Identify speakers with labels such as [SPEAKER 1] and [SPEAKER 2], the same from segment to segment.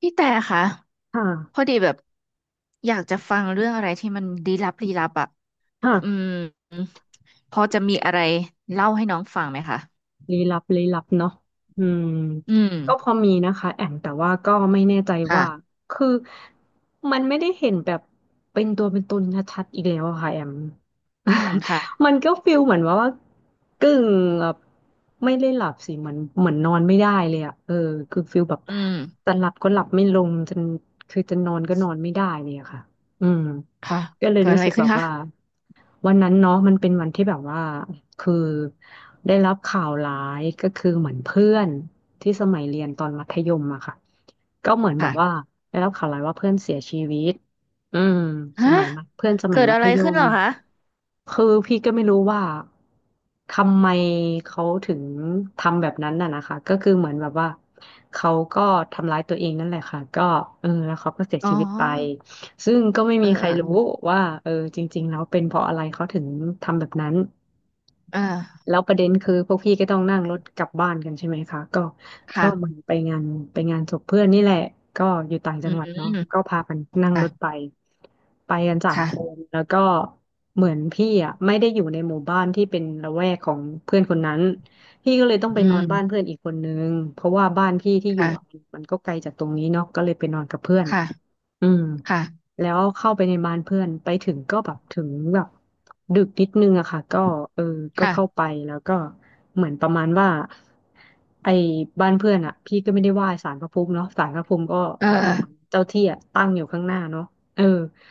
[SPEAKER 1] พี่แต่คะ
[SPEAKER 2] ค
[SPEAKER 1] พอ
[SPEAKER 2] ่ะ
[SPEAKER 1] ดีแบบอยากจะฟังเรื่องอะไรที่มันลี้ลับลี้ลับอ่ะ
[SPEAKER 2] ค่ะ
[SPEAKER 1] อืมพอจะมีอะไรเล่าให้น้องฟังไหมคะ
[SPEAKER 2] ลี้ลับลี้ลับเนาะอืม
[SPEAKER 1] อื
[SPEAKER 2] ก็พ
[SPEAKER 1] ม
[SPEAKER 2] อมีนะคะแอมแต่ว่าก็ไม่แน่ใจว่า
[SPEAKER 1] ค่ะ
[SPEAKER 2] คือมันไม่ได้เห็นแบบเป็นตัวเป็นตนชัดๆอีกแล้วอะค่ะแอม
[SPEAKER 1] อืมค่ะ
[SPEAKER 2] มันก็ฟิลเหมือนว่ากึ่งแบบไม่ได้หลับสิเหมือนนอนไม่ได้เลยอะเออคือฟิลแบบ
[SPEAKER 1] อืม
[SPEAKER 2] จะหลับก็หลับไม่ลงจนคือจะนอนก็นอนไม่ได้เลยอะค่ะอืม
[SPEAKER 1] ค่ะ
[SPEAKER 2] ก็เลย
[SPEAKER 1] เกิด
[SPEAKER 2] รู้
[SPEAKER 1] อะไร
[SPEAKER 2] สึก
[SPEAKER 1] ขึ้
[SPEAKER 2] แบ
[SPEAKER 1] น
[SPEAKER 2] บ
[SPEAKER 1] คะ
[SPEAKER 2] ว่าวันนั้นเนาะมันเป็นวันที่แบบว่า คือได้รับข่าวร้ายก็คือเหมือนเพื่อนที่สมัยเรียนตอนมัธยมอะค่ะก็เหมือนแบบว่า
[SPEAKER 1] ค่ะ
[SPEAKER 2] ได้รับข่าวร้ายว่าเพื่อนเสียชีวิตอืมส
[SPEAKER 1] ฮะ
[SPEAKER 2] มัยมัธเพื่อนสมั
[SPEAKER 1] เกิ
[SPEAKER 2] ย
[SPEAKER 1] ด
[SPEAKER 2] มั
[SPEAKER 1] อะ
[SPEAKER 2] ธ
[SPEAKER 1] ไร
[SPEAKER 2] ย
[SPEAKER 1] ขึ้น
[SPEAKER 2] ม
[SPEAKER 1] เหรอคะ
[SPEAKER 2] คือพี่ก็ไม่รู้ว่าทำไมเขาถึงทำแบบนั้นน่ะนะคะก็คือเหมือนแบบว่าเขาก็ทำร้ายตัวเองนั่นแหละค่ะก็เออแล้วเขาก็เสีย
[SPEAKER 1] อ๋อ
[SPEAKER 2] ชีวิตไปซึ่งก็ไม่
[SPEAKER 1] เอ
[SPEAKER 2] มี
[SPEAKER 1] อ
[SPEAKER 2] ใคร
[SPEAKER 1] เออ
[SPEAKER 2] รู้ว่าเออจริงๆแล้วเป็นเพราะอะไรเขาถึงทำแบบนั้น
[SPEAKER 1] เออ
[SPEAKER 2] แล้วประเด็นคือพวกพี่ก็ต้องนั่งรถกลับบ้านกันใช่ไหมคะก็ก็เหมือน
[SPEAKER 1] ค่ะ
[SPEAKER 2] ไปงานไปงานศพเพื่อนนี่แหละก็อยู่ต่างจั
[SPEAKER 1] อื
[SPEAKER 2] งหวัดเนาะ
[SPEAKER 1] ม
[SPEAKER 2] ก็พากันนั่ง
[SPEAKER 1] ค่ะ
[SPEAKER 2] รถไปไปกันสาม
[SPEAKER 1] ค่ะ
[SPEAKER 2] คนแล้วก็เหมือนพี่อ่ะไม่ได้อยู่ในหมู่บ้านที่เป็นละแวกของเพื่อนคนนั้นพี่ก็เลยต้องไป
[SPEAKER 1] อื
[SPEAKER 2] นอนบ้านเพื่
[SPEAKER 1] ม
[SPEAKER 2] อนอีกคนนึงเพราะว่าบ้านพี่ที่อยู่อะ
[SPEAKER 1] ค่ะ
[SPEAKER 2] มันก็ไกลจากตรงนี้เนาะก็เลยไปนอนกับเพื่อน
[SPEAKER 1] ค่ะ
[SPEAKER 2] อืม
[SPEAKER 1] ค่ะ
[SPEAKER 2] แล้วเข้าไปในบ้านเพื่อนไปถึงก็แบบถึงแบบดึกนิดนึงอะค่ะก็เออก็เข้า
[SPEAKER 1] ค่ะ
[SPEAKER 2] ไปแล้วก็เหมือนประมาณว่าไอ้บ้านเพื่อนอะพี่ก็ไม่ได้ไหว้ศาลพระภูมิเนาะศาลพระภูมิก็
[SPEAKER 1] เออ
[SPEAKER 2] คือเหมือนเจ้าที่อะตั้งอยู่ข้างหน้าเนาะเออ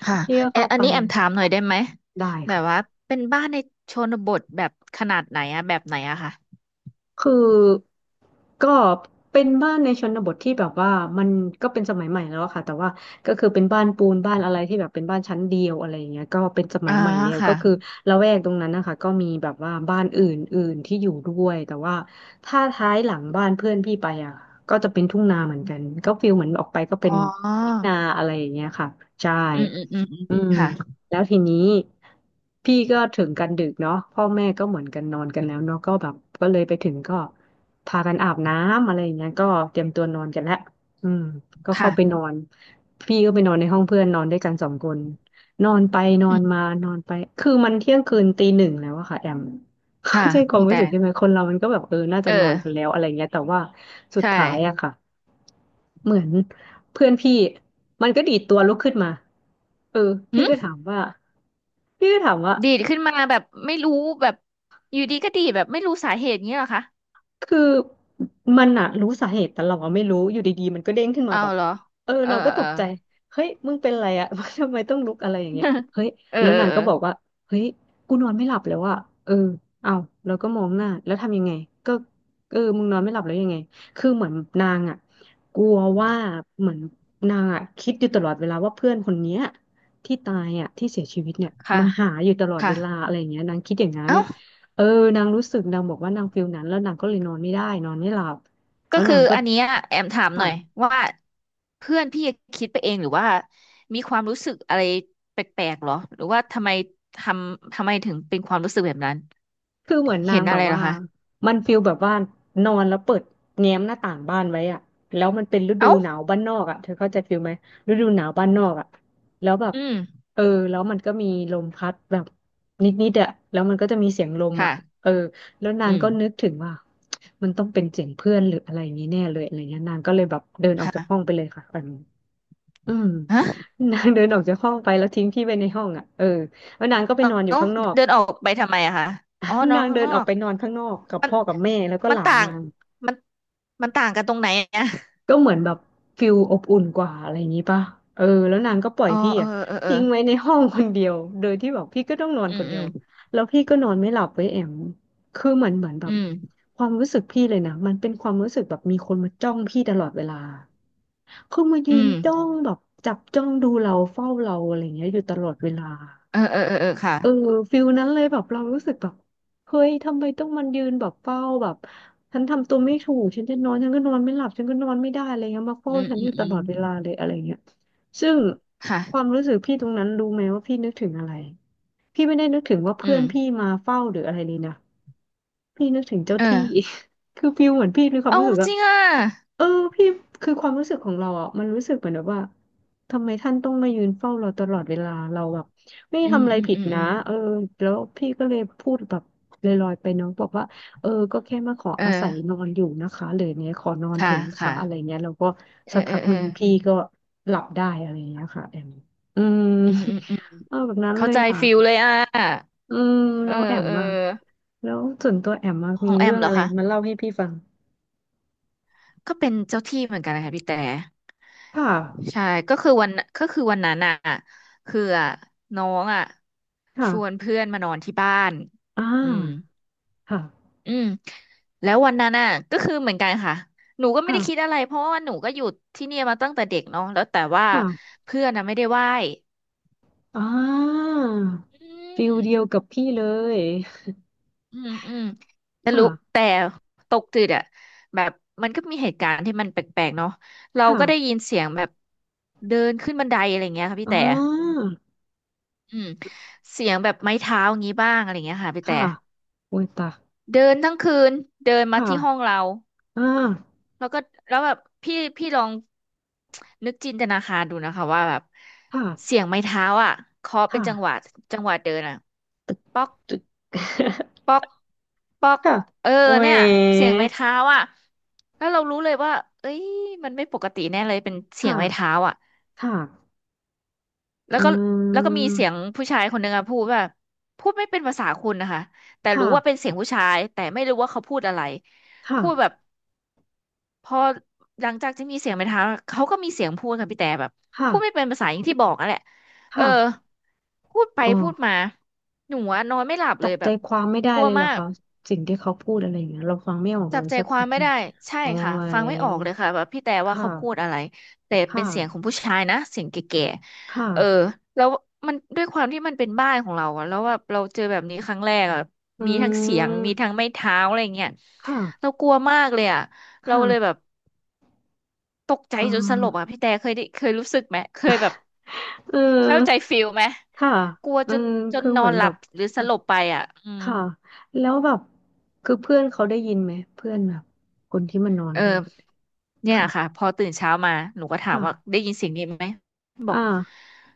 [SPEAKER 1] ค่ะ
[SPEAKER 2] พี่ก็
[SPEAKER 1] แ
[SPEAKER 2] เข้า
[SPEAKER 1] อั
[SPEAKER 2] ไป
[SPEAKER 1] นนี้แอมถามหน่อย
[SPEAKER 2] ค่ะ
[SPEAKER 1] ได้ไหม
[SPEAKER 2] ได้
[SPEAKER 1] แบบ
[SPEAKER 2] ค่ะ
[SPEAKER 1] ว่าเป็นบ้านในชนบทแบบขนาดไหนอะแบบไหนอะค่ะ
[SPEAKER 2] คือก็เป็นบ้านในชนบทที่แบบว่ามันก็เป็นสมัยใหม่แล้วอะค่ะแต่ว่าก็คือเป็นบ้านปูนบ้านอะไรที่แบบเป็นบ้านชั้นเดียวอะไรอย่างเงี้ยก็เป็นสมั
[SPEAKER 1] อ่า
[SPEAKER 2] ยใหม่แล้วก็
[SPEAKER 1] ค่ะ
[SPEAKER 2] คือละแวกตรงนั้นนะคะก็มีแบบว่าบ้านอื่นๆที่อยู่ด้วยแต่ว่าถ้าท้ายหลังบ้านเพื่อนพี่ไปอ่ะก็จะเป็นทุ่งนาเหมือนกันก็ฟีลเหมือนออกไปก็เป็
[SPEAKER 1] อ๋
[SPEAKER 2] นทุ่ง
[SPEAKER 1] อ
[SPEAKER 2] นาอะไรอย่างเงี้ยค่ะใช่
[SPEAKER 1] อืมอืมอืมอืม
[SPEAKER 2] อืม
[SPEAKER 1] ค่ะ
[SPEAKER 2] แล้วทีนี้พี่ก็ถึงกันดึกเนาะพ่อแม่ก็เหมือนกันนอนกันแล้วเนาะก็แบบก็เลยไปถึงก็พากันอาบน้ำอะไรอย่างเงี้ยก็เตรียมตัวนอนกันแล้วอืมก็เข้าไปน
[SPEAKER 1] ค่ะ
[SPEAKER 2] อนพี่ก็ไปนอนในห้องเพื่อนนอนด้วยกันสองคนนอนไปนอ
[SPEAKER 1] อื
[SPEAKER 2] น
[SPEAKER 1] ม
[SPEAKER 2] มานอนไปคือมันเที่ยงคืนตีหนึ่งแล้วอะค่ะแอม
[SPEAKER 1] ค่ะ
[SPEAKER 2] เข้าใจความ
[SPEAKER 1] พี่
[SPEAKER 2] รู้
[SPEAKER 1] แต่
[SPEAKER 2] สึกใช่ไหมคนเรามันก็แบบเออน่า
[SPEAKER 1] เอ
[SPEAKER 2] จะนอ
[SPEAKER 1] อ
[SPEAKER 2] นกันแล้วอะไรเงี้ยแต่ว่าสุด
[SPEAKER 1] ใช่
[SPEAKER 2] ท้ายอะค่ะ เหมือนเพื่อนพี่มันก็ดีดตัวลุกขึ้นมาเออ
[SPEAKER 1] หื
[SPEAKER 2] พี่
[SPEAKER 1] ม
[SPEAKER 2] ก็ถามว่าพี่ก็ถามว่า
[SPEAKER 1] ดีดขึ้นมาแบบไม่รู้แบบอยู่ดีก็ดีดแบบไม่รู้สาเหตุเงี้ยเหรอคะ
[SPEAKER 2] คือมันอะรู้สาเหตุแต่เราอะไม่รู้อยู่ดีๆมันก็เด้งขึ้นมา
[SPEAKER 1] เอา
[SPEAKER 2] แบบ
[SPEAKER 1] เหรอ
[SPEAKER 2] เออ
[SPEAKER 1] เออ
[SPEAKER 2] เราก็
[SPEAKER 1] เออ
[SPEAKER 2] ต
[SPEAKER 1] เออ
[SPEAKER 2] กใจเฮ้ยมึงเป็นอะไรอะ ทำไมต้องลุกอะไรอย่างเงี้ย เฮ้ย
[SPEAKER 1] เออ
[SPEAKER 2] แล้ว
[SPEAKER 1] เออ
[SPEAKER 2] นาง
[SPEAKER 1] เออ
[SPEAKER 2] ก็บอกว่าเฮ้ยกูนอนไม่หลับแล้วอะเออเอาเราก็มองหน้าแล้วทำยังไงก็เออมึงนอนไม่หลับแล้วยังไงคือเหมือนนางอะกลัวว่าเหมือนนางอะคิดอยู่ตลอดเวลาว่าเพื่อนคนเนี้ยที่ตายอะที่เสียชีวิตเนี่ย
[SPEAKER 1] ค่ะ
[SPEAKER 2] มาหาอยู่ตลอด
[SPEAKER 1] ค่ะ
[SPEAKER 2] เวลาอะไรอย่างเงี้ยนางคิดอย่างนั้น
[SPEAKER 1] เอ้า
[SPEAKER 2] เออนางรู้สึกนางบอกว่านางฟีลนั้นแล้วนางก็เลยนอนไม่ได้นอนไม่หลับแล้
[SPEAKER 1] ก็
[SPEAKER 2] ว
[SPEAKER 1] คื
[SPEAKER 2] นา
[SPEAKER 1] อ
[SPEAKER 2] งก็
[SPEAKER 1] อันเนี้ยแอมถามหน่อย
[SPEAKER 2] ค่ะ
[SPEAKER 1] ว่าเพื่อนพี่คิดไปเองหรือว่ามีความรู้สึกอะไรแปลกๆหรอหรือว่าทำไมททำไมถึงเป็นความรู้สึกแบบนั้น
[SPEAKER 2] คือเหมือนนา
[SPEAKER 1] เห็
[SPEAKER 2] ง
[SPEAKER 1] น
[SPEAKER 2] แบ
[SPEAKER 1] อะ
[SPEAKER 2] บ
[SPEAKER 1] ไรเหร
[SPEAKER 2] ว่า
[SPEAKER 1] อคะ
[SPEAKER 2] มันฟีลแบบว่านอนแล้วเปิดแง้มหน้าต่างบ้านไว้อะแล้วมันเป็นฤดู
[SPEAKER 1] เอ้า
[SPEAKER 2] หนาวบ้านนอกอะเธอเข้าใจฟีลไหมฤดูหนาวบ้านนอกอะแล้วแบบ
[SPEAKER 1] อืม
[SPEAKER 2] เออแล้วมันก็มีลมพัดแบบนิดๆอะแล้วมันก็จะมีเสียงลมอะ
[SPEAKER 1] ค่ะ
[SPEAKER 2] เออแล้วนา
[SPEAKER 1] อื
[SPEAKER 2] งก็นึ
[SPEAKER 1] ม
[SPEAKER 2] กถึงว่ามันต้องเป็นเสียงเพื่อนหรืออะไรอย่างนี้แน่เลยอะไรเงี้ยนางก็เลยแบบเดินออกจากห้อง
[SPEAKER 1] ค่ะ
[SPEAKER 2] ไปเลยค่ะตอนนี้ อืม
[SPEAKER 1] ฮะ
[SPEAKER 2] นางเดินออกจากห้องไปแล้วทิ้งพี่ไปในห้องอ่ะเออแล้วนางก็ไป
[SPEAKER 1] เอ้
[SPEAKER 2] นอนอยู่
[SPEAKER 1] า
[SPEAKER 2] ข้างนอก
[SPEAKER 1] เดินออกไปทำไมอะคะอ๋อน อ
[SPEAKER 2] นา
[SPEAKER 1] น
[SPEAKER 2] ง
[SPEAKER 1] ข้าง
[SPEAKER 2] เดิน
[SPEAKER 1] นอ
[SPEAKER 2] ออก
[SPEAKER 1] ก
[SPEAKER 2] ไปนอนข้างนอกกับ
[SPEAKER 1] มัน
[SPEAKER 2] พ่อกับแม่แล้วก็
[SPEAKER 1] มั
[SPEAKER 2] ห
[SPEAKER 1] น
[SPEAKER 2] ลาน
[SPEAKER 1] ต่าง
[SPEAKER 2] นาง
[SPEAKER 1] มันมันต่างกันตรงไหนอะ
[SPEAKER 2] ก็เหมือนแบบฟิลอบอุ่นกว่าอะไรอย่างนี้ป่ะเออแล้วนางก็ปล่อย
[SPEAKER 1] อ๋อ
[SPEAKER 2] พี่
[SPEAKER 1] เออ
[SPEAKER 2] อ่ะ
[SPEAKER 1] เออเออ
[SPEAKER 2] ทิ้งไว้ในห้องคนเดียวโดยที่แบบพี่ก็ต้องนอน
[SPEAKER 1] อื
[SPEAKER 2] ค
[SPEAKER 1] ม
[SPEAKER 2] นเดี
[SPEAKER 1] อื
[SPEAKER 2] ยว
[SPEAKER 1] ม
[SPEAKER 2] แล้วพี่ก็นอนไม่หลับเว้ยแอมคือเหมือนแบ
[SPEAKER 1] อื
[SPEAKER 2] บ
[SPEAKER 1] ม
[SPEAKER 2] ความรู้สึกพี่เลยนะมันเป็นความรู้สึกแบบมีคนมาจ้องพี่ตลอดเวลาคือมา
[SPEAKER 1] อื
[SPEAKER 2] ยืน
[SPEAKER 1] ม
[SPEAKER 2] จ้องแบบจับจ้องดูเราเฝ้าเราอะไรอย่างเงี้ยอยู่ตลอดเวลา
[SPEAKER 1] เออเออเออเออค่ะ
[SPEAKER 2] เออฟิลนั้นเลยแบบเรารู้สึกแบบเฮ้ยทำไมต้องมันยืนแบบเฝ้าแบบฉันทำตัวไม่ถูกฉันจะนอนฉันก็นอนไม่หลับฉันก็นอนไม่ได้อะไรเงี้ยมาเฝ้า
[SPEAKER 1] อืม
[SPEAKER 2] ฉัน
[SPEAKER 1] อื
[SPEAKER 2] อ
[SPEAKER 1] ม
[SPEAKER 2] ยู่ต
[SPEAKER 1] อื
[SPEAKER 2] ลอ
[SPEAKER 1] ม
[SPEAKER 2] ดเวลาเลยอะไรเงี้ยซึ่ง
[SPEAKER 1] ค่ะ
[SPEAKER 2] ความรู้สึกพี่ตรงนั้นรู้ไหมว่าพี่นึกถึงอะไรพี่ไม่ได้นึกถึงว่าเพื่
[SPEAKER 1] อื
[SPEAKER 2] อน
[SPEAKER 1] ม
[SPEAKER 2] พี่มาเฝ้าหรืออะไรเลยนะ พี่นึกถึงเจ้า
[SPEAKER 1] เอ
[SPEAKER 2] ที่
[SPEAKER 1] อ
[SPEAKER 2] คือฟิลเหมือนพี่มีความ
[SPEAKER 1] เอา
[SPEAKER 2] รู้สึก
[SPEAKER 1] จ
[SPEAKER 2] ว่า
[SPEAKER 1] ริงอ่ะ
[SPEAKER 2] เออพี่คือความรู้สึกของเราอ่ะมันรู้สึกเหมือนแบบว่าทำไมท่านต้องมายืนเฝ้าเราตลอดเวลาเราแบบไม่ได้
[SPEAKER 1] อืม
[SPEAKER 2] ทำอะไร
[SPEAKER 1] อืม
[SPEAKER 2] ผิด
[SPEAKER 1] อืมอื
[SPEAKER 2] นะ
[SPEAKER 1] ม
[SPEAKER 2] เออแล้วพี่ก็เลยพูดแบบลอยๆไปเน้องบอกว่าเออก็แค่มาขอ
[SPEAKER 1] เออ
[SPEAKER 2] อาศัยนอนอยู่นะคะหรือเนี่ยขอนอนเถ
[SPEAKER 1] ค่ะ
[SPEAKER 2] อะนะ
[SPEAKER 1] ค่ะ
[SPEAKER 2] คะอะไรเงี้ยแล้วก็
[SPEAKER 1] เออ
[SPEAKER 2] สัก
[SPEAKER 1] เอ
[SPEAKER 2] พั
[SPEAKER 1] อ
[SPEAKER 2] ก
[SPEAKER 1] เอ
[SPEAKER 2] ห
[SPEAKER 1] อ
[SPEAKER 2] นึ่งพี่ก็หลับได้อะไรเงี้ยค่ะแอมอืม
[SPEAKER 1] อืมอืมอืม
[SPEAKER 2] เออแบบนั้น
[SPEAKER 1] เข้า
[SPEAKER 2] เลย
[SPEAKER 1] ใจ
[SPEAKER 2] อ่ะ
[SPEAKER 1] ฟิลเลยอ่ะ
[SPEAKER 2] อืม
[SPEAKER 1] เอ
[SPEAKER 2] แล้
[SPEAKER 1] อ
[SPEAKER 2] วแอม
[SPEAKER 1] เออ
[SPEAKER 2] อ่ะ แล้วส่วนตัวแอมอะ
[SPEAKER 1] ข
[SPEAKER 2] มี
[SPEAKER 1] องแอ
[SPEAKER 2] เรื่
[SPEAKER 1] ม
[SPEAKER 2] อง
[SPEAKER 1] เหร
[SPEAKER 2] อะ
[SPEAKER 1] อ
[SPEAKER 2] ไร
[SPEAKER 1] คะ
[SPEAKER 2] มาเล่าให้พี่ฟัง
[SPEAKER 1] ก็เป็นเจ้าที่เหมือนกันนะคะพี่แต่
[SPEAKER 2] ค่ะ
[SPEAKER 1] ใช่ ก็คือวันก็คือวันนั้นอ่ะคืออ่ะน้องอ่ะชวน
[SPEAKER 2] ค่ะ
[SPEAKER 1] เพื่อนมานอนที่บ้าน
[SPEAKER 2] อ่
[SPEAKER 1] อืม
[SPEAKER 2] าค่ะ
[SPEAKER 1] อืมแล้ววันนั้นน่ะก็คือเหมือนกันค่ะหนูก็ไม่ได้คิด
[SPEAKER 2] ค่ะ
[SPEAKER 1] อะไรเพราะว่าหนูก็อยู่ที่เนี่ยมาตั้งแต่เด็กเนาะแล้วแต่ว่า
[SPEAKER 2] ค่ะ
[SPEAKER 1] เพื่อนน่ะไม่ได้ไหว้
[SPEAKER 2] อ่า
[SPEAKER 1] อื
[SPEAKER 2] ฟิลเดียว
[SPEAKER 1] ม
[SPEAKER 2] กับพี่เลย
[SPEAKER 1] อืมอืมแต่
[SPEAKER 2] ค่ะ
[SPEAKER 1] รู้แต่ตกตึกอะแบบมันก็มีเหตุการณ์ที่มันแปลกๆเนาะเราก็ได้ยิน
[SPEAKER 2] ค่ะ
[SPEAKER 1] เสียงแบบเดินขึ้นบันไดอะไรเงี้ยค่ะพี่
[SPEAKER 2] อ่
[SPEAKER 1] แต่
[SPEAKER 2] า
[SPEAKER 1] อืมเสียงแบบไม้เท้าอย่างงี้บ้างอะไรเงี้ยค่ะพี่แต่
[SPEAKER 2] ค่ะโอ้ยตาย
[SPEAKER 1] เดินทั้งคืนเดินมา
[SPEAKER 2] ค่ะ
[SPEAKER 1] ที่ห้องเรา
[SPEAKER 2] อ่า
[SPEAKER 1] แล้วก็แล้วแบบพี่ลองนึกจินตนาการดูนะคะว่าแบบเสี
[SPEAKER 2] ค่ะ
[SPEAKER 1] ยงไม้เท้าอ่ะเคาะเป็น
[SPEAKER 2] ค่ะ
[SPEAKER 1] จังหวะจังหวะเดินอ่ะป๊อก
[SPEAKER 2] ตึก
[SPEAKER 1] ป๊อกป๊อก
[SPEAKER 2] ค่ะ
[SPEAKER 1] เออ
[SPEAKER 2] โอ้
[SPEAKER 1] เนี่ยเสียงไม้
[SPEAKER 2] ย
[SPEAKER 1] เท้าอ่ะแล้วเรารู้เลยว่าเอ้ยมันไม่ปกติแน่เลยเป็นเสียงไม้
[SPEAKER 2] ค่ะ
[SPEAKER 1] เท้าอ่ะ
[SPEAKER 2] ค่ะ
[SPEAKER 1] แล้
[SPEAKER 2] เื
[SPEAKER 1] วก็แล้วก็มีเสียง
[SPEAKER 2] ม
[SPEAKER 1] ผู้ชายคนหนึ่งอะพูดว่าพูดไม่เป็นภาษาคุณนะคะแต่
[SPEAKER 2] ค่ะ
[SPEAKER 1] รู้ว่าเป็นเสียงผู้ชายแต่ไม่รู้ว่าเขาพูดอะไร
[SPEAKER 2] ค
[SPEAKER 1] พูดแบบ
[SPEAKER 2] ่ะ
[SPEAKER 1] พอหลังจากที่มีเสียงไปถามเขาก็มีเสียงพูดค่ะพี่แต่แบบ
[SPEAKER 2] ค่ะ
[SPEAKER 1] พูดไม่เป็นภาษาอย่างที่บอกอ่ะแหละเออ
[SPEAKER 2] ค่ะ
[SPEAKER 1] พูดไป
[SPEAKER 2] อ๋อ
[SPEAKER 1] พูดมาหนูอะนอนไม่หลับ
[SPEAKER 2] จั
[SPEAKER 1] เล
[SPEAKER 2] บ
[SPEAKER 1] ยแบ
[SPEAKER 2] ใจ
[SPEAKER 1] บ
[SPEAKER 2] ความไม่ได้
[SPEAKER 1] กลัว
[SPEAKER 2] เลยเหร
[SPEAKER 1] มา
[SPEAKER 2] อ
[SPEAKER 1] ก
[SPEAKER 2] เขาสิ่งที่เขาพูดอะไรอย่างเงี้ยเราฟังไม่ออกเล
[SPEAKER 1] จับ
[SPEAKER 2] ย
[SPEAKER 1] ใจ
[SPEAKER 2] สัก
[SPEAKER 1] ค
[SPEAKER 2] ก
[SPEAKER 1] วาม
[SPEAKER 2] ระ
[SPEAKER 1] ไม่
[SPEAKER 2] ที
[SPEAKER 1] ได้ใช่
[SPEAKER 2] อ๋อ
[SPEAKER 1] ค่ะ
[SPEAKER 2] ไว
[SPEAKER 1] ฟังไม่ออกเลยค่ะแบบพี่แต่ว่า
[SPEAKER 2] ค่ะ
[SPEAKER 1] เขาพูดอะไรแต่เป็
[SPEAKER 2] ค่ะ
[SPEAKER 1] นเสียงของผู้ชายนะเสียงแก่
[SPEAKER 2] ค่ะ
[SPEAKER 1] ๆเออแล้วมันด้วยความที่มันเป็นบ้านของเราอะแล้วแบบเราเจอแบบนี้ครั้งแรกอะ
[SPEAKER 2] อื
[SPEAKER 1] มีทั้งเสียงมี
[SPEAKER 2] ม
[SPEAKER 1] ทั้งไม้เท้าอะไรเงี้ย
[SPEAKER 2] ค่ะ
[SPEAKER 1] เรากลัวมากเลยอะเราเลยแบบ
[SPEAKER 2] ค่ะ
[SPEAKER 1] ตกใจ
[SPEAKER 2] เอ
[SPEAKER 1] จนสลบอ่ะ
[SPEAKER 2] อ
[SPEAKER 1] พี่แต่เคยได้เคยรู้สึกไหม เคยแบบ
[SPEAKER 2] เอ
[SPEAKER 1] เข้าใจ
[SPEAKER 2] อ
[SPEAKER 1] ฟิลไหม
[SPEAKER 2] ค่ะ
[SPEAKER 1] กลัว
[SPEAKER 2] อื
[SPEAKER 1] จน
[SPEAKER 2] มคือ
[SPEAKER 1] น
[SPEAKER 2] เห
[SPEAKER 1] อ
[SPEAKER 2] มือ
[SPEAKER 1] น
[SPEAKER 2] น
[SPEAKER 1] ห
[SPEAKER 2] แบ
[SPEAKER 1] ลับ
[SPEAKER 2] บ
[SPEAKER 1] หรือสลบไปอ่ะอืม
[SPEAKER 2] ค่ะแล้วแบบคือเพื่อนเขาได้ยินไหมเพื่อนแบบคนที่มันนอน
[SPEAKER 1] เอ
[SPEAKER 2] ด้วย
[SPEAKER 1] อเนี่ย
[SPEAKER 2] ค่ะ
[SPEAKER 1] ค่ะพอตื่นเช้ามาหนูก็ถาม
[SPEAKER 2] ค่ะ
[SPEAKER 1] ว่าได้ยินเสียงนี้ไหมบอ
[SPEAKER 2] อ่า
[SPEAKER 1] ก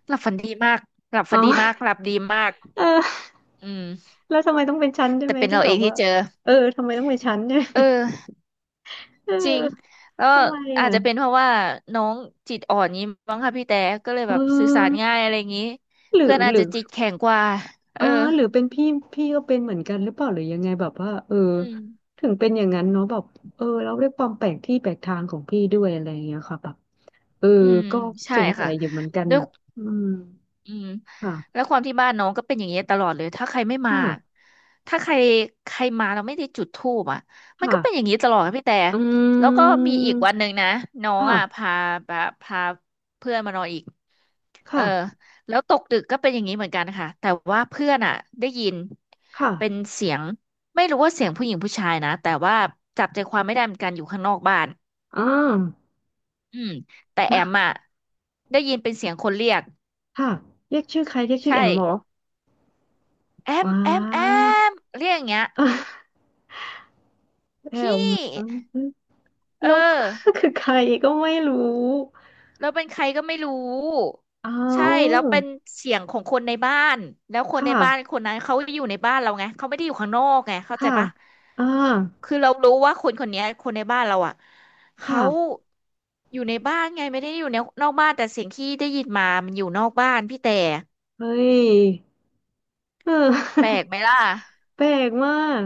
[SPEAKER 1] หลับฝันดีมากหลับฝั
[SPEAKER 2] เอา
[SPEAKER 1] น ดีมากหลับดีมาก
[SPEAKER 2] เออ
[SPEAKER 1] อืม
[SPEAKER 2] แล้วทำไมต้องเป็นฉันใช่
[SPEAKER 1] แต่
[SPEAKER 2] ไหม
[SPEAKER 1] เป็น
[SPEAKER 2] ที่
[SPEAKER 1] เรา
[SPEAKER 2] แบ
[SPEAKER 1] เอ
[SPEAKER 2] บ
[SPEAKER 1] งที่
[SPEAKER 2] ว่า
[SPEAKER 1] เจอ
[SPEAKER 2] เออทำไมต้องเป็นฉันเนี่ย
[SPEAKER 1] เออ
[SPEAKER 2] เออ
[SPEAKER 1] จริงแล้ว
[SPEAKER 2] ทำไม
[SPEAKER 1] อา
[SPEAKER 2] อ่ะ
[SPEAKER 1] จจะเป็นเพราะว่าน้องจิตอ่อนนี้มั้งค่ะพี่แต่ก็เลย
[SPEAKER 2] เ
[SPEAKER 1] แบบสื่อสาร
[SPEAKER 2] ออ
[SPEAKER 1] ง่ายอะไรอย่างนี้
[SPEAKER 2] หรื
[SPEAKER 1] เพื่
[SPEAKER 2] อ
[SPEAKER 1] อนอา
[SPEAKER 2] ห
[SPEAKER 1] จ
[SPEAKER 2] รื
[SPEAKER 1] จะ
[SPEAKER 2] อ
[SPEAKER 1] จิตแข็งกว่า
[SPEAKER 2] เอ
[SPEAKER 1] เอ
[SPEAKER 2] อ
[SPEAKER 1] อ
[SPEAKER 2] หรือเป็นพี่พี่ก็เป็นเหมือนกันหรือเปล่าหรือยังไงแบบว่าเออ
[SPEAKER 1] อืม
[SPEAKER 2] ถึงเป็นอย่างนั้นเนาะแบบเออเราด้วยความแปลกที่แปลกทางของพี่ด้วยอะไรอย่างเงี้ยค่ะแบบเออ
[SPEAKER 1] อืม
[SPEAKER 2] ก็
[SPEAKER 1] ใช่
[SPEAKER 2] สงสั
[SPEAKER 1] ค่ะ
[SPEAKER 2] ยอยู่เหมือนกัน
[SPEAKER 1] ด้ว
[SPEAKER 2] แบ
[SPEAKER 1] ย
[SPEAKER 2] บอืม
[SPEAKER 1] อืม
[SPEAKER 2] ค่ะ
[SPEAKER 1] แล้วความที่บ้านน้องก็เป็นอย่างเงี้ยตลอดเลยถ้าใครไม่มา
[SPEAKER 2] ค่ะ
[SPEAKER 1] ถ้าใครใครมาเราไม่ได้จุดธูปอ่ะมัน
[SPEAKER 2] ค่ะ
[SPEAKER 1] ก็เป็นอย่างนี้ตลอดค่ะพี่แต่
[SPEAKER 2] อื
[SPEAKER 1] แล้วก็
[SPEAKER 2] ม
[SPEAKER 1] มีอีกวันหนึ่งนะน้อง
[SPEAKER 2] ค่ะ
[SPEAKER 1] อ่ะพาเพื่อนมานอนอีกเออ
[SPEAKER 2] ค่ะ
[SPEAKER 1] แล้วตกดึกก็เป็นอย่างนี้เหมือนกันค่ะแต่ว่าเพื่อนอ่ะได้ยิน
[SPEAKER 2] ค่ะ
[SPEAKER 1] เป็นเสียงไม่รู้ว่าเสียงผู้หญิงผู้ชายนะแต่ว่าจับใจความไม่ได้เหมือนกันอยู่ข้างนอกบ้าน
[SPEAKER 2] อ่า
[SPEAKER 1] อืมแต่แอมอ่ะได้ยินเป็นเสียงคนเรียก
[SPEAKER 2] ค่ะเรียกชื่อใครเรียกชื่อ
[SPEAKER 1] ใช่
[SPEAKER 2] แอมเหรอ
[SPEAKER 1] แอม
[SPEAKER 2] ว้า
[SPEAKER 1] แอมแอมเรียกอย่างเงี้ย
[SPEAKER 2] แอมแล้ว
[SPEAKER 1] พี่เออ
[SPEAKER 2] คือใครก็ไม่รู้
[SPEAKER 1] แราเป็นใครก็ไม่รู้
[SPEAKER 2] เอ
[SPEAKER 1] ใช่แล้
[SPEAKER 2] า
[SPEAKER 1] วเป็นเสียงของคนในบ้านแล้วคนใน
[SPEAKER 2] ค่ะ
[SPEAKER 1] บ้านคนนั้นเขาอยู่ในบ้านเราไงเขาไม่ได้อยู่ข้างนอกไงเข้าใจ
[SPEAKER 2] ค่ะ
[SPEAKER 1] ปะ
[SPEAKER 2] อ่า
[SPEAKER 1] คือเรารู้ว่าคนเนี้ยคนในบ้านเราอ่ะเขา
[SPEAKER 2] ค่ะ
[SPEAKER 1] อยู่ในบ้านไงไม่ได้อยู่ในนอกบ้านแต่เสียงที่ได้ยินมามันอยู่นอกบ้านพี่แต่
[SPEAKER 2] เฮ้ยเออ
[SPEAKER 1] แปลกไหมล่ะ
[SPEAKER 2] แปลกมาก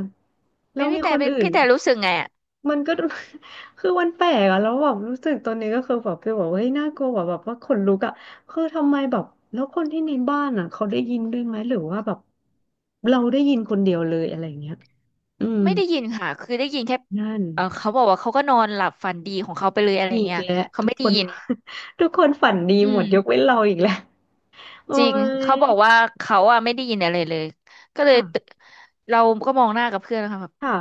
[SPEAKER 2] แล้
[SPEAKER 1] เป็น
[SPEAKER 2] ว
[SPEAKER 1] พี่
[SPEAKER 2] มี
[SPEAKER 1] แต่
[SPEAKER 2] คน
[SPEAKER 1] เป็น
[SPEAKER 2] อื่น
[SPEAKER 1] พี่แต่รู้สึกไงอะ
[SPEAKER 2] มันก็ คือมันแปลกอะแล้วแบบรู้สึกตอนนี้ก็คือแบบไปบอกว่าเฮ้ยน่ากลัวแบบว่าขนลุกอะคือทำไมแบบแล้วคนที่ในบ้านอะเขาได้ยินด้วยไหมหรือว่าแบบเราได้ยินคนเดียวเลยอะไรอย่างเงี้ยอืม
[SPEAKER 1] ไม่ได้ยินค่ะ คือได้ยินแค่
[SPEAKER 2] นั่น
[SPEAKER 1] เออเขาบอกว่าเขาก็นอนหลับฝันดีของเขาไปเลยอะไร
[SPEAKER 2] อีก
[SPEAKER 1] เงี้ย
[SPEAKER 2] แล้ว
[SPEAKER 1] เขา
[SPEAKER 2] ทุก
[SPEAKER 1] ไม่ได้
[SPEAKER 2] คน
[SPEAKER 1] ยิน
[SPEAKER 2] ทุกคนฝันดี
[SPEAKER 1] อื
[SPEAKER 2] หมดยกเว้
[SPEAKER 1] ม
[SPEAKER 2] นเราอีกแล้วโอ้
[SPEAKER 1] จริง
[SPEAKER 2] ย
[SPEAKER 1] เขาบอกว่าเขาอะไม่ได้ยินอะไรเลยก็เลย
[SPEAKER 2] ค่ะ
[SPEAKER 1] ตื่นเราก็มองหน้ากับเพื่อนนะคะ
[SPEAKER 2] ค่ะ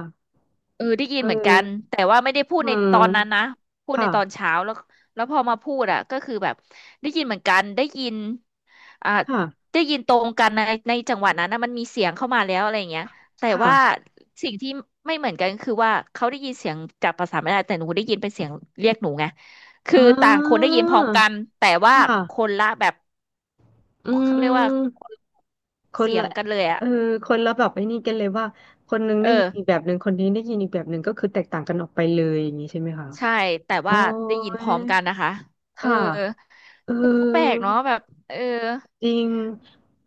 [SPEAKER 1] เออได้ยิน
[SPEAKER 2] เอ
[SPEAKER 1] เหมือนกัน
[SPEAKER 2] อ
[SPEAKER 1] แต่ว่าไม่ได้พูด
[SPEAKER 2] อื
[SPEAKER 1] ในต
[SPEAKER 2] ม
[SPEAKER 1] อนนั้นนะพูดในตอน
[SPEAKER 2] ค่ะ
[SPEAKER 1] เช้าแล้วแล้วพอมาพูดอ่ะก็คือแบบได้ยินเหมือนกันได้ยินอ่า
[SPEAKER 2] ค่ะ
[SPEAKER 1] ได้ยินตรงกันในจังหวะนั้นนะมันมีเสียงเข้ามาแล้วอะไรอย่างเงี้ยแต่
[SPEAKER 2] ค่ะ
[SPEAKER 1] ว่าสิ่งที่ไม่เหมือนกันคือว่าเขาได้ยินเสียงจากภาษาไม่ได้แต่หนูได้ยินเป็นเสียงเรียกหนูไงคื
[SPEAKER 2] อ่
[SPEAKER 1] อต่างคน
[SPEAKER 2] า
[SPEAKER 1] ได้ยินพร้อมกันแต่
[SPEAKER 2] ค
[SPEAKER 1] ว่าค
[SPEAKER 2] ่ะ
[SPEAKER 1] นละแบบ
[SPEAKER 2] อื
[SPEAKER 1] เขาเรียกว่าค
[SPEAKER 2] ม
[SPEAKER 1] นละ
[SPEAKER 2] คน
[SPEAKER 1] เสีย
[SPEAKER 2] ละ
[SPEAKER 1] งกันเลยอ่ะ
[SPEAKER 2] เออคนละแบบไอ้นี่กันเลยว่าคนนึง
[SPEAKER 1] เอ
[SPEAKER 2] ได้ยินอีก
[SPEAKER 1] อ
[SPEAKER 2] แบบหนึ่งคนนี้ได้ยินอีกแบบหนึ่งก็คือแตกต่างกันออกไปเลยอย่างนี้ใช่ไหมคะ
[SPEAKER 1] ใช่แต่
[SPEAKER 2] โอ้
[SPEAKER 1] ว่าได้ยินพ
[SPEAKER 2] ย
[SPEAKER 1] ร้อมกันนะคะเออ
[SPEAKER 2] ค่ะเออ
[SPEAKER 1] ก็แปลกเนาะแบบเออ
[SPEAKER 2] จริง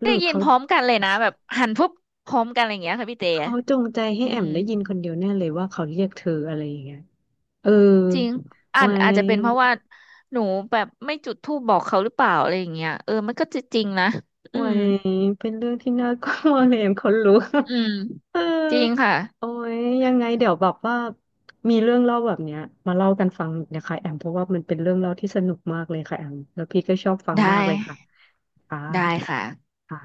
[SPEAKER 2] ห
[SPEAKER 1] ได้
[SPEAKER 2] รือ
[SPEAKER 1] ยิน
[SPEAKER 2] เขา
[SPEAKER 1] พร้อมกันเลยนะแบบหันปุ๊บพร้อมกันอะไรอย่างเงี้ยค่ะพี่เต๋
[SPEAKER 2] เขาจงใจให้
[SPEAKER 1] อื
[SPEAKER 2] แอ
[SPEAKER 1] ม
[SPEAKER 2] มได้ยินคนเดียวแน่เลยว่าเขาเรียกเธออะไรอย่างเงี้ยเออ
[SPEAKER 1] จริงอ่า
[SPEAKER 2] ไว
[SPEAKER 1] นอาจจะเป็นเพ
[SPEAKER 2] ้
[SPEAKER 1] ราะว่าหนูแบบไม่จุดธูปบอกเขาหรือเปล่าอะไรอย่างเงี้ยเออมันก็จะจริงนะอื
[SPEAKER 2] ไว้
[SPEAKER 1] ม
[SPEAKER 2] เป็นเรื่องที่น่ากลัวเลยแอมคนรู้
[SPEAKER 1] อืม
[SPEAKER 2] เออ
[SPEAKER 1] จริงค่ะ
[SPEAKER 2] โอ้ยยังไงเดี๋ยวแบบว่ามีเรื่องเล่าแบบเนี้ยมาเล่ากันฟังอีกนะคะแอมเพราะว่ามันเป็นเรื่องเล่าที่สนุกมากเลยค่ะแอมแล้วพี่ก็ชอบฟัง
[SPEAKER 1] ได
[SPEAKER 2] มากเลยค่ะ
[SPEAKER 1] ้ได้
[SPEAKER 2] ค่ะ
[SPEAKER 1] ค่ะ
[SPEAKER 2] ค่ะ